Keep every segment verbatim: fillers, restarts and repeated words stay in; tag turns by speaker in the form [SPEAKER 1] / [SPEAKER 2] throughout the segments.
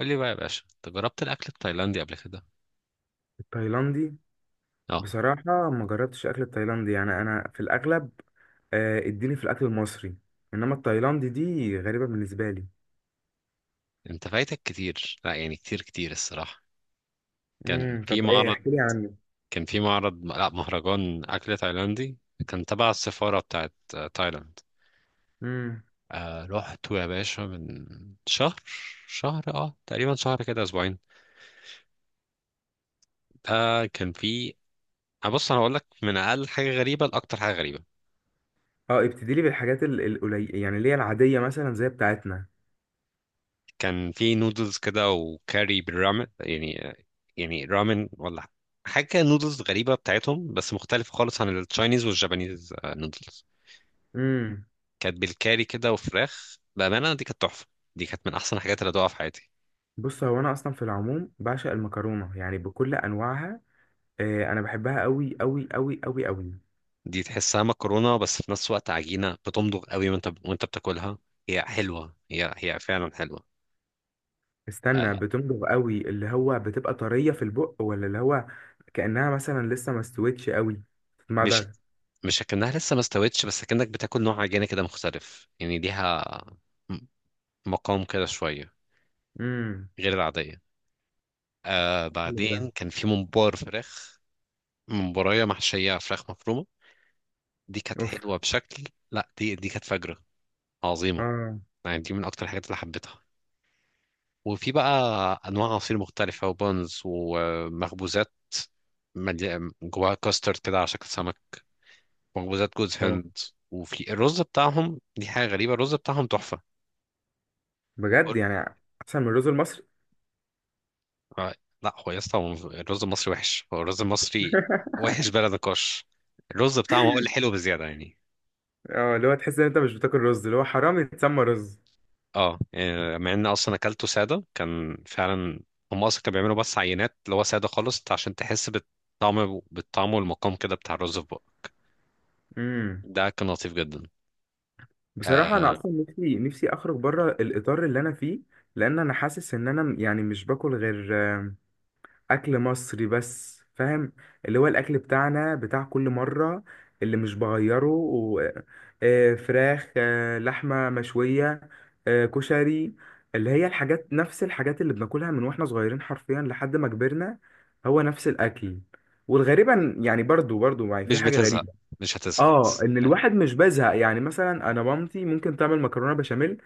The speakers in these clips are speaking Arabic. [SPEAKER 1] قول لي بقى يا باشا، انت جربت الاكل التايلاندي قبل كده؟
[SPEAKER 2] التايلاندي.
[SPEAKER 1] اه.
[SPEAKER 2] بصراحة ما جربتش أكل التايلاندي، يعني أنا في الأغلب آه، اديني في الأكل المصري. إنما التايلاندي دي غريبة بالنسبة لي.
[SPEAKER 1] انت فايتك كتير، لا يعني كتير كتير الصراحه. كان
[SPEAKER 2] امم
[SPEAKER 1] في
[SPEAKER 2] طب إيه؟
[SPEAKER 1] معرض
[SPEAKER 2] احكي لي عنه.
[SPEAKER 1] كان في معرض، لا، مهرجان اكل تايلاندي. كان تبع السفاره بتاعت آه، تايلاند.
[SPEAKER 2] امم
[SPEAKER 1] آه رحت يا باشا من شهر شهر، اه تقريبا شهر كده، اسبوعين. ده كان في. آه، بص انا هقول لك من اقل حاجه غريبه لاكتر حاجه غريبه.
[SPEAKER 2] اه، ابتدي لي بالحاجات ال- القليلة، يعني اللي هي العادية مثلا زي بتاعتنا.
[SPEAKER 1] كان في نودلز كده وكاري بالرامن، يعني يعني رامن ولا حاجة كده، نودلز غريبة بتاعتهم، بس مختلفة خالص عن التشاينيز والجابانيز، آه، نودلز.
[SPEAKER 2] امم
[SPEAKER 1] كانت بالكاري كده، وفراخ بأمانة دي كانت تحفة. دي كانت من أحسن الحاجات اللي دوقها في حياتي.
[SPEAKER 2] بص، هو أنا أصلا في العموم بعشق المكرونة، يعني بكل أنواعها. آه، أنا بحبها أوي أوي أوي أوي أوي.
[SPEAKER 1] دي تحسها مكرونة بس في نفس الوقت عجينة، بتمضغ قوي وانت وانت بتاكلها. هي حلوة، هي هي فعلا حلوة. آه،
[SPEAKER 2] استنى، بتنضغ أوي اللي هو بتبقى طرية في البق، ولا اللي هو كأنها مثلا لسه ما استوتش أوي
[SPEAKER 1] مش
[SPEAKER 2] تتمضغ؟
[SPEAKER 1] مش اكنها لسه ما استوتش، بس اكنك بتاكل نوع عجينة كده مختلف، يعني ليها م- مقام كده شوية
[SPEAKER 2] امم
[SPEAKER 1] غير العادية. آه،
[SPEAKER 2] حلو ده.
[SPEAKER 1] بعدين كان في ممبار فراخ، ممبراية محشية فراخ مفرومة. دي كانت
[SPEAKER 2] اوف.
[SPEAKER 1] حلوة بشكل. لا، دي دي كانت فجرة، عظيمة.
[SPEAKER 2] اه،
[SPEAKER 1] يعني دي من أكتر الحاجات اللي حبيتها. وفي بقى أنواع عصير مختلفة، وبونز، ومخبوزات ملي- جواها كاسترد كده على شكل سمك، مخبوزات جوز
[SPEAKER 2] اه،
[SPEAKER 1] هند. وفي الرز بتاعهم، دي حاجة غريبة، الرز بتاعهم تحفة.
[SPEAKER 2] بجد
[SPEAKER 1] قلت-
[SPEAKER 2] يعني؟ احسن من الرز المصري؟
[SPEAKER 1] آه، لا هو يا اسطى، هو الرز المصري وحش، هو الرز المصري وحش بلا نقاش. الرز بتاعهم هو اللي حلو بزيادة يعني.
[SPEAKER 2] اه، اللي هو تحس ان انت مش بتاكل رز، اللي هو حرام يتسمى رز.
[SPEAKER 1] اه. آه، مع ان اصلا اكلته ساده كان فعلا، هم اصلا كانوا بيعملوا بس عينات اللي هو ساده خالص عشان تحس بالطعم، بالطعم والمقام كده بتاع الرز في بقك.
[SPEAKER 2] امم
[SPEAKER 1] ده كان لطيف جدا.
[SPEAKER 2] بصراحه انا
[SPEAKER 1] آه.
[SPEAKER 2] اصلا نفسي نفسي اخرج بره الاطار اللي انا فيه. لان انا حاسس ان انا يعني مش باكل غير اكل مصري بس، فاهم؟ اللي هو الاكل بتاعنا بتاع كل مره اللي مش بغيره و... آه، فراخ، آه، لحمه مشويه، آه، كشري، اللي هي الحاجات، نفس الحاجات اللي بناكلها من واحنا صغيرين حرفيا لحد ما كبرنا. هو نفس الاكل. والغريبة إن- يعني برضو برضو، يعني في
[SPEAKER 1] مش
[SPEAKER 2] حاجة
[SPEAKER 1] بتزهق
[SPEAKER 2] غريبة.
[SPEAKER 1] مش هتزهق.
[SPEAKER 2] اه، ان الواحد مش بيزهق، يعني مثلا انا مامتي ممكن تعمل مكرونة بشاميل.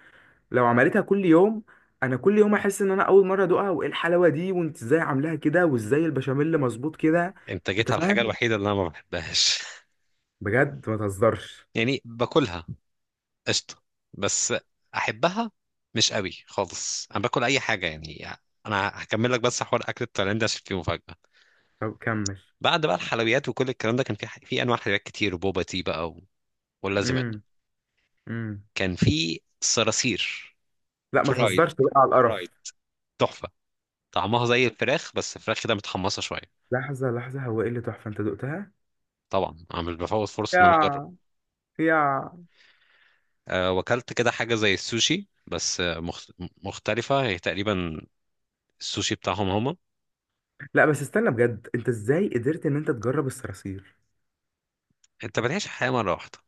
[SPEAKER 2] لو عملتها كل يوم، انا كل يوم احس ان انا اول مره ادوقها، وايه الحلاوه دي؟ وانت ازاي عاملاها كده؟ وازاي البشاميل مظبوط كده؟
[SPEAKER 1] انت
[SPEAKER 2] انت
[SPEAKER 1] جيت على الحاجه
[SPEAKER 2] فاهم؟
[SPEAKER 1] الوحيده اللي انا ما بحبهاش.
[SPEAKER 2] بجد، ما تهزرش.
[SPEAKER 1] يعني باكلها، قشطه، بس احبها مش قوي خالص، انا باكل اي حاجه يعني. انا هكمل لك بس حوار اكل التايلاندي عشان فيه مفاجاه.
[SPEAKER 2] طب كمل.
[SPEAKER 1] بعد بقى الحلويات وكل الكلام ده، كان في في انواع حلويات كتير، وبوبا تي بقى، و... واللازم.
[SPEAKER 2] امم امم
[SPEAKER 1] كان في صراصير
[SPEAKER 2] لا، ما
[SPEAKER 1] فرايد
[SPEAKER 2] تهزرش بقى على
[SPEAKER 1] فرايد،
[SPEAKER 2] القرف.
[SPEAKER 1] تحفه. طعمها زي الفراخ، بس الفراخ كده متحمصه شويه.
[SPEAKER 2] لحظه لحظه، هو ايه اللي تحفه انت دقتها؟
[SPEAKER 1] طبعا انا مش بفوت فرصه ان انا اجرب.
[SPEAKER 2] يا، يا،
[SPEAKER 1] أه، وكلت كده حاجه زي السوشي، بس آه، مخت... مختلفه هي تقريبا، السوشي بتاعهم هما.
[SPEAKER 2] لا بس استنى بجد، انت ازاي قدرت ان انت تجرب الصراصير؟
[SPEAKER 1] انت بتعيش الحياه مره واحده،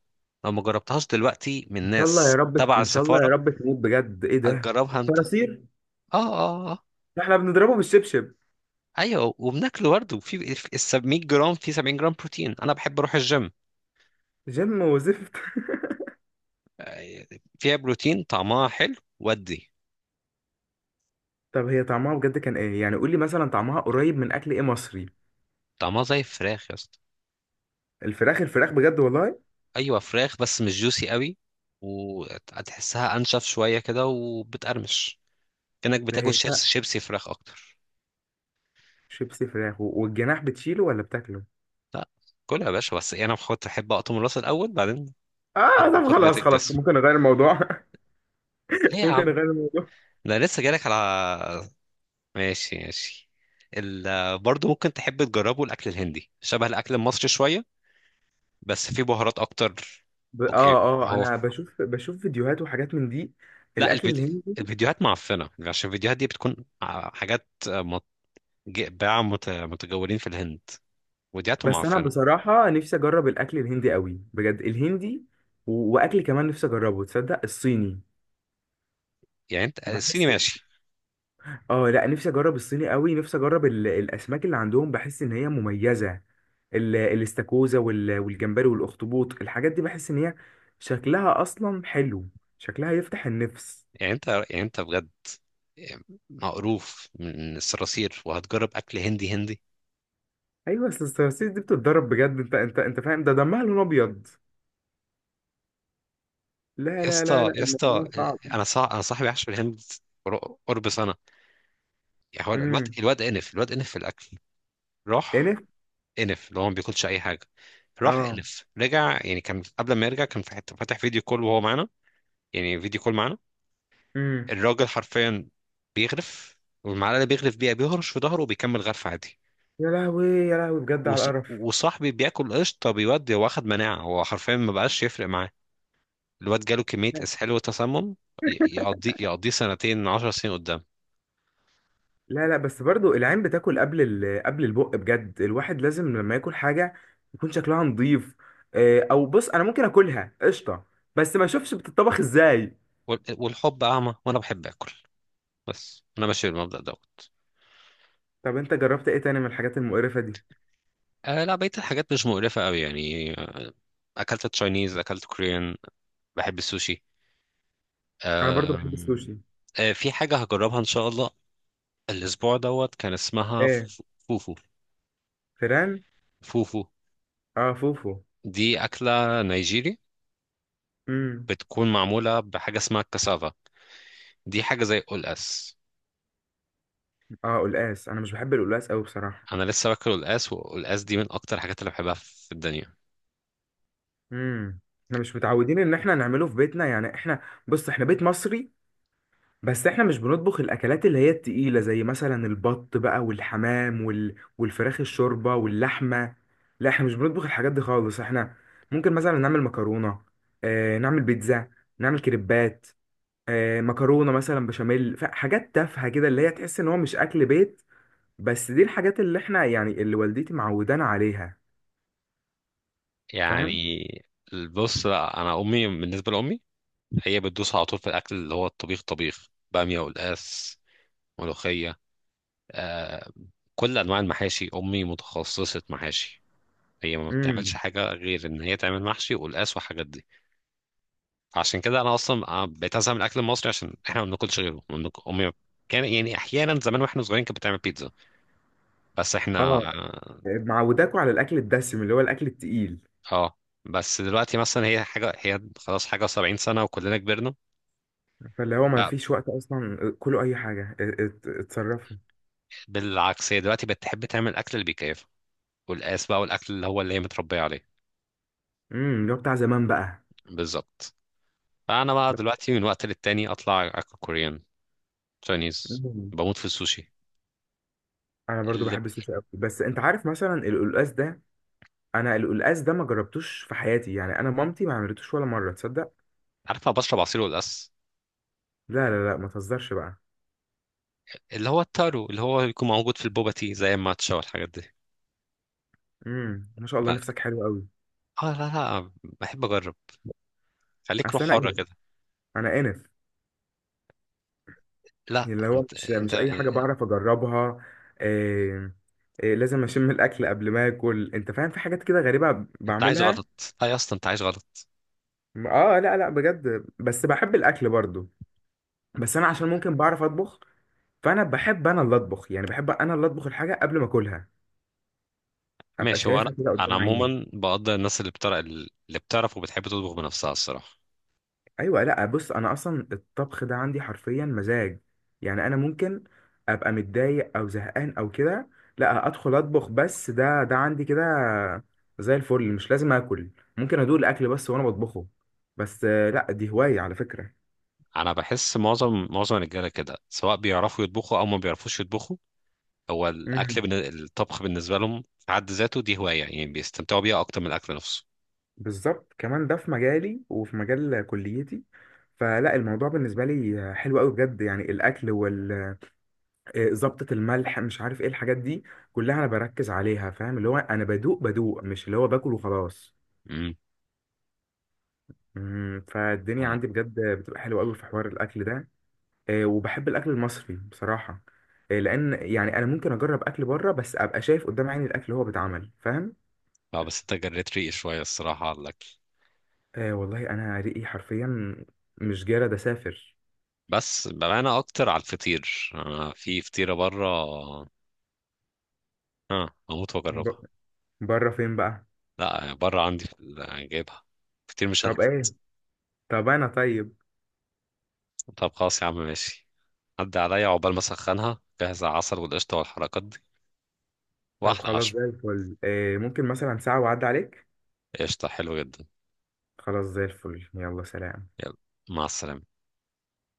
[SPEAKER 1] لو ما جربتهاش دلوقتي من
[SPEAKER 2] ان شاء الله يا
[SPEAKER 1] ناس
[SPEAKER 2] رب،
[SPEAKER 1] تبع
[SPEAKER 2] ان شاء الله يا
[SPEAKER 1] السفاره
[SPEAKER 2] رب تموت، بجد ايه ده؟
[SPEAKER 1] هتجربها انت؟ اه
[SPEAKER 2] صراصير؟
[SPEAKER 1] اه اه.
[SPEAKER 2] احنا بنضربه بالشبشب.
[SPEAKER 1] ايوه، وبناكله برضه، في في ال 700 جرام في 70 جرام بروتين، انا بحب اروح الجيم.
[SPEAKER 2] جيم وزفت.
[SPEAKER 1] آه، فيها بروتين، طعمها حلو ودي.
[SPEAKER 2] طب هي طعمها بجد كان ايه يعني؟ قول لي مثلا طعمها قريب من اكل ايه مصري؟
[SPEAKER 1] طعمها زي الفراخ يا اسطى،
[SPEAKER 2] الفراخ؟ الفراخ بجد والله؟
[SPEAKER 1] ايوه فراخ بس مش جوسي قوي، وهتحسها انشف شويه كده وبتقرمش، كانك
[SPEAKER 2] لا هي
[SPEAKER 1] بتاكل شيبس،
[SPEAKER 2] لا،
[SPEAKER 1] شيبسي فراخ اكتر.
[SPEAKER 2] شيبسي فراخ و- والجناح بتشيله ولا بتاكله؟
[SPEAKER 1] لا كلها يا باشا، بس انا بحط احب اقطم الراس الاول، بعدين
[SPEAKER 2] اه،
[SPEAKER 1] خد
[SPEAKER 2] طب
[SPEAKER 1] خد بقيه
[SPEAKER 2] خلاص خلاص،
[SPEAKER 1] الجسم.
[SPEAKER 2] ممكن اغير الموضوع؟
[SPEAKER 1] ليه يا
[SPEAKER 2] ممكن
[SPEAKER 1] عم؟
[SPEAKER 2] اغير الموضوع؟
[SPEAKER 1] ده لسه جالك على. ماشي ماشي. ال... برضه ممكن تحب تجربه الاكل الهندي، شبه الاكل المصري شويه بس فيه بهارات اكتر.
[SPEAKER 2] ب...
[SPEAKER 1] اوكي.
[SPEAKER 2] اه اه،
[SPEAKER 1] هو
[SPEAKER 2] انا بشوف بشوف فيديوهات وحاجات من دي.
[SPEAKER 1] لا،
[SPEAKER 2] الاكل
[SPEAKER 1] الفيديو،
[SPEAKER 2] الهندي؟
[SPEAKER 1] الفيديوهات معفنه، عشان الفيديوهات دي بتكون ع- حاجات، باعة مت- متجولين في الهند، وديعتهم
[SPEAKER 2] بس انا
[SPEAKER 1] معفنة.
[SPEAKER 2] بصراحة نفسي اجرب الاكل الهندي قوي، بجد الهندي و... واكل كمان نفسي اجربه، تصدق، الصيني.
[SPEAKER 1] يعني انت الصيني
[SPEAKER 2] بحس،
[SPEAKER 1] ماشي.
[SPEAKER 2] اه، لا، نفسي اجرب الصيني قوي. نفسي اجرب ال- الاسماك اللي عندهم، بحس ان هي مميزه. ال- الاستاكوزا وال- والجمبري والاخطبوط، الحاجات دي بحس ان هي شكلها اصلا حلو، شكلها يفتح النفس.
[SPEAKER 1] يعني انت يعني انت بجد مقروف من الصراصير وهتجرب اكل هندي؟ هندي؟
[SPEAKER 2] ايوه، اصل الصراصير دي بتتضرب بجد، انت انت انت فاهم؟ ده دمها لون ابيض. لا
[SPEAKER 1] يا
[SPEAKER 2] لا لا
[SPEAKER 1] اسطى
[SPEAKER 2] لا،
[SPEAKER 1] يا اسطى،
[SPEAKER 2] الموضوع صعب.
[SPEAKER 1] انا صاح انا صاحبي عاش في الهند قر- قرب سنة، يعني هو الواد
[SPEAKER 2] امم
[SPEAKER 1] الواد انف الواد انف في الاكل، راح
[SPEAKER 2] انف.
[SPEAKER 1] انف، اللي هو ما بياكلش اي حاجة. راح
[SPEAKER 2] اه.
[SPEAKER 1] انف، رجع، يعني كان قبل ما يرجع كان في حته فاتح فيديو كول وهو معانا، يعني فيديو كول معانا،
[SPEAKER 2] امم
[SPEAKER 1] الراجل حرفيا بيغرف، والمعلقه اللي بيغرف بيها بيهرش في ظهره وبيكمل غرف عادي.
[SPEAKER 2] يا لهوي، يا لهوي، بجد على
[SPEAKER 1] وص-
[SPEAKER 2] القرف.
[SPEAKER 1] وصاحبي بياكل قشطه بيودي، هو اخد مناعه، هو حرفيا ما بقاش يفرق معاه. الواد جاله كميه اسهال وتسمم، ي- يقضيه يقضيه سنتين عشر سنين قدام.
[SPEAKER 2] لا لا، بس برضو العين بتاكل قبل ال... قبل البق، بجد الواحد لازم لما ياكل حاجة يكون شكلها نظيف. آه، او بص، انا ممكن اكلها قشطة، بس ما اشوفش بتطبخ ازاي.
[SPEAKER 1] وال- والحب اعمى وانا بحب اكل، بس انا ماشي بالمبدأ دوت.
[SPEAKER 2] طب انت جربت ايه تاني من الحاجات المقرفة دي؟
[SPEAKER 1] آه، لا بقيه الحاجات مش مقرفه قوي يعني. آه، اكلت تشاينيز، اكلت كوريان، بحب السوشي.
[SPEAKER 2] انا برضو بحب
[SPEAKER 1] أم،
[SPEAKER 2] السوشي.
[SPEAKER 1] آه، في حاجة هجربها إن شاء الله الأسبوع دوت، كان اسمها
[SPEAKER 2] ايه؟
[SPEAKER 1] ف- فوفو.
[SPEAKER 2] فيران؟
[SPEAKER 1] فوفو
[SPEAKER 2] اه، فوفو.
[SPEAKER 1] دي أكلة نيجيري،
[SPEAKER 2] امم
[SPEAKER 1] بتكون معمولة بحاجة اسمها الكسافة، دي حاجة زي القلقاس.
[SPEAKER 2] اه، قلقاس، انا مش بحب القلقاس قوي بصراحة.
[SPEAKER 1] أنا لسه باكل القلقاس، والقلقاس دي من أكتر الحاجات اللي بحبها في الدنيا،
[SPEAKER 2] امم احنا مش متعودين ان احنا نعمله في بيتنا، يعني احنا، بص احنا بيت مصري، بس احنا مش بنطبخ الاكلات اللي هي التقيلة زي مثلا البط بقى والحمام وال... والفراخ الشوربة واللحمة. لا، احنا مش بنطبخ الحاجات دي خالص. احنا ممكن مثلا نعمل مكرونة، اه نعمل بيتزا، نعمل كريبات، اه مكرونة مثلا بشاميل، ف- حاجات تافهة كده اللي هي تحس ان هو مش اكل بيت. بس دي الحاجات اللي احنا يعني اللي والدتي معودانا عليها. فاهم؟
[SPEAKER 1] يعني. بص، لا أنا أمي، بالنسبة لأمي، هي بتدوس على طول في الأكل اللي هو الطبيخ، طبيخ بامية، والقلقاس، ملوخية، آه، كل أنواع المحاشي. أمي متخصصة محاشي، هي ما بتعملش
[SPEAKER 2] امم
[SPEAKER 1] حاجة غير إن هي تعمل محشي والقلقاس والحاجات دي. عشان كده أنا أصلا آه، بقيت أزهق من الأكل المصري، عشان إحنا ما بناكلش غيره، ما بناك- أمي كان، يعني، أحيانا زمان وإحنا صغيرين كانت بتعمل بيتزا، بس إحنا.
[SPEAKER 2] اه، معوداكوا على الاكل الدسم اللي هو الاكل التقيل.
[SPEAKER 1] اه. بس دلوقتي مثلا هي حاجة، هي خلاص حاجة وسبعين سنة وكلنا كبرنا.
[SPEAKER 2] فاللي هو ما فيش وقت اصلا، كله اي حاجه ات- ات- اتصرفوا.
[SPEAKER 1] فبالعكس هي دلوقتي بقت تحب تعمل الأكل اللي بيكيفها، والقاس بقى، والأكل اللي هو اللي هي متربية عليه.
[SPEAKER 2] امم اللي هو بتاع زمان بقى.
[SPEAKER 1] بالظبط. فأنا بقى
[SPEAKER 2] بس-
[SPEAKER 1] دلوقتي من وقت للتاني أطلع أكل كوريان، تشاينيز،
[SPEAKER 2] مم.
[SPEAKER 1] بموت في السوشي.
[SPEAKER 2] انا برضو
[SPEAKER 1] اللي.
[SPEAKER 2] بحب السوشي قوي، بس انت عارف مثلا القلقاس ده، انا القلقاس ده ما جربتوش في حياتي يعني، انا مامتي ما عملتوش ولا مره، تصدق؟
[SPEAKER 1] عارف أنا بشرب عصير والقاس،
[SPEAKER 2] لا لا لا، ما تهزرش بقى.
[SPEAKER 1] اللي هو التارو، اللي هو بيكون موجود في البوبا تي زي الماتشا والحاجات دي.
[SPEAKER 2] امم ما شاء الله،
[SPEAKER 1] ف-
[SPEAKER 2] نفسك حلو قوي.
[SPEAKER 1] اه، لا لا، بحب أجرب، خليك روح
[SPEAKER 2] اصل انا
[SPEAKER 1] حرة
[SPEAKER 2] انف،
[SPEAKER 1] كده.
[SPEAKER 2] انا انف،
[SPEAKER 1] لا
[SPEAKER 2] اللي هو
[SPEAKER 1] انت
[SPEAKER 2] مش
[SPEAKER 1] انت،
[SPEAKER 2] مش اي حاجه بعرف اجربها. إيه؟ إيه؟ لازم اشم الاكل قبل ما اكل، انت فاهم؟ في حاجات كده غريبه
[SPEAKER 1] انت عايز
[SPEAKER 2] بعملها.
[SPEAKER 1] غلط، لا يا اسطى انت عايز غلط.
[SPEAKER 2] اه لا لا، بجد بس بحب الاكل برضو. بس انا عشان ممكن بعرف اطبخ، فانا بحب انا اللي اطبخ، يعني بحب انا اللي اطبخ الحاجه قبل ما اكلها، ابقى
[SPEAKER 1] ماشي. هو انا،
[SPEAKER 2] شايفها كده
[SPEAKER 1] انا
[SPEAKER 2] قدام عيني.
[SPEAKER 1] عموما بقدر الناس اللي بتعرف، اللي بتعرف وبتحب تطبخ بنفسها، الصراحه.
[SPEAKER 2] ايوه، لا بص، انا اصلا الطبخ ده عندي حرفيا مزاج. يعني انا ممكن ابقى متضايق او زهقان او كده، لا ادخل اطبخ. بس ده ده عندي كده زي الفل. مش لازم اكل، ممكن ادوق الاكل بس وانا بطبخه. بس آه، لا دي هوايه على فكره.
[SPEAKER 1] انا بحس معظم معظم الرجاله كده، سواء بيعرفوا يطبخوا او ما بيعرفوش يطبخوا، هو الاكل بالن- الطبخ بالنسبه لهم في حد ذاته دي هوايه، يعني بيستمتعوا بيها اكتر من الاكل نفسه.
[SPEAKER 2] بالظبط، كمان ده في مجالي وفي مجال كليتي. فلا الموضوع بالنسبة لي حلو قوي بجد، يعني الأكل وال آه، ظبطة الملح، مش عارف ايه الحاجات دي كلها، أنا بركز عليها، فاهم؟ اللي هو أنا بدوق بدوق، مش اللي هو باكل وخلاص.
[SPEAKER 1] امم.
[SPEAKER 2] مم، فالدنيا
[SPEAKER 1] اه.
[SPEAKER 2] عندي بجد بتبقى حلوة قوي في حوار الأكل ده. آه، وبحب الأكل المصري بصراحة. آه، لأن يعني أنا ممكن أجرب أكل بره، بس أبقى شايف قدام عيني الأكل اللي هو بيتعمل، فاهم؟
[SPEAKER 1] آه، بس انت جريت ريقي شويه الصراحه على الاكل.
[SPEAKER 2] آه والله أنا ريقي حرفيا، مش جارد أسافر.
[SPEAKER 1] بس بمعنى اكتر على الفطير، انا في فطيره بره، اه اموت
[SPEAKER 2] ب-
[SPEAKER 1] واجربها.
[SPEAKER 2] بره فين بقى؟
[SPEAKER 1] لا بره عندي، في ال- جايبها، فطير
[SPEAKER 2] طب
[SPEAKER 1] مشلتت.
[SPEAKER 2] ايه؟ طب انا طيب.
[SPEAKER 1] طب خلاص يا عم ماشي، عدى عليا عقبال ما اسخنها، جهز العسل والقشطة والحركات دي،
[SPEAKER 2] طب
[SPEAKER 1] واحلى
[SPEAKER 2] خلاص
[SPEAKER 1] عشاء.
[SPEAKER 2] زي الفل. إيه؟ ممكن مثلا ساعة وعد عليك.
[SPEAKER 1] قشطة، حلو جدا.
[SPEAKER 2] خلاص زي الفل، يلا سلام.
[SPEAKER 1] يلا، مع السلامة.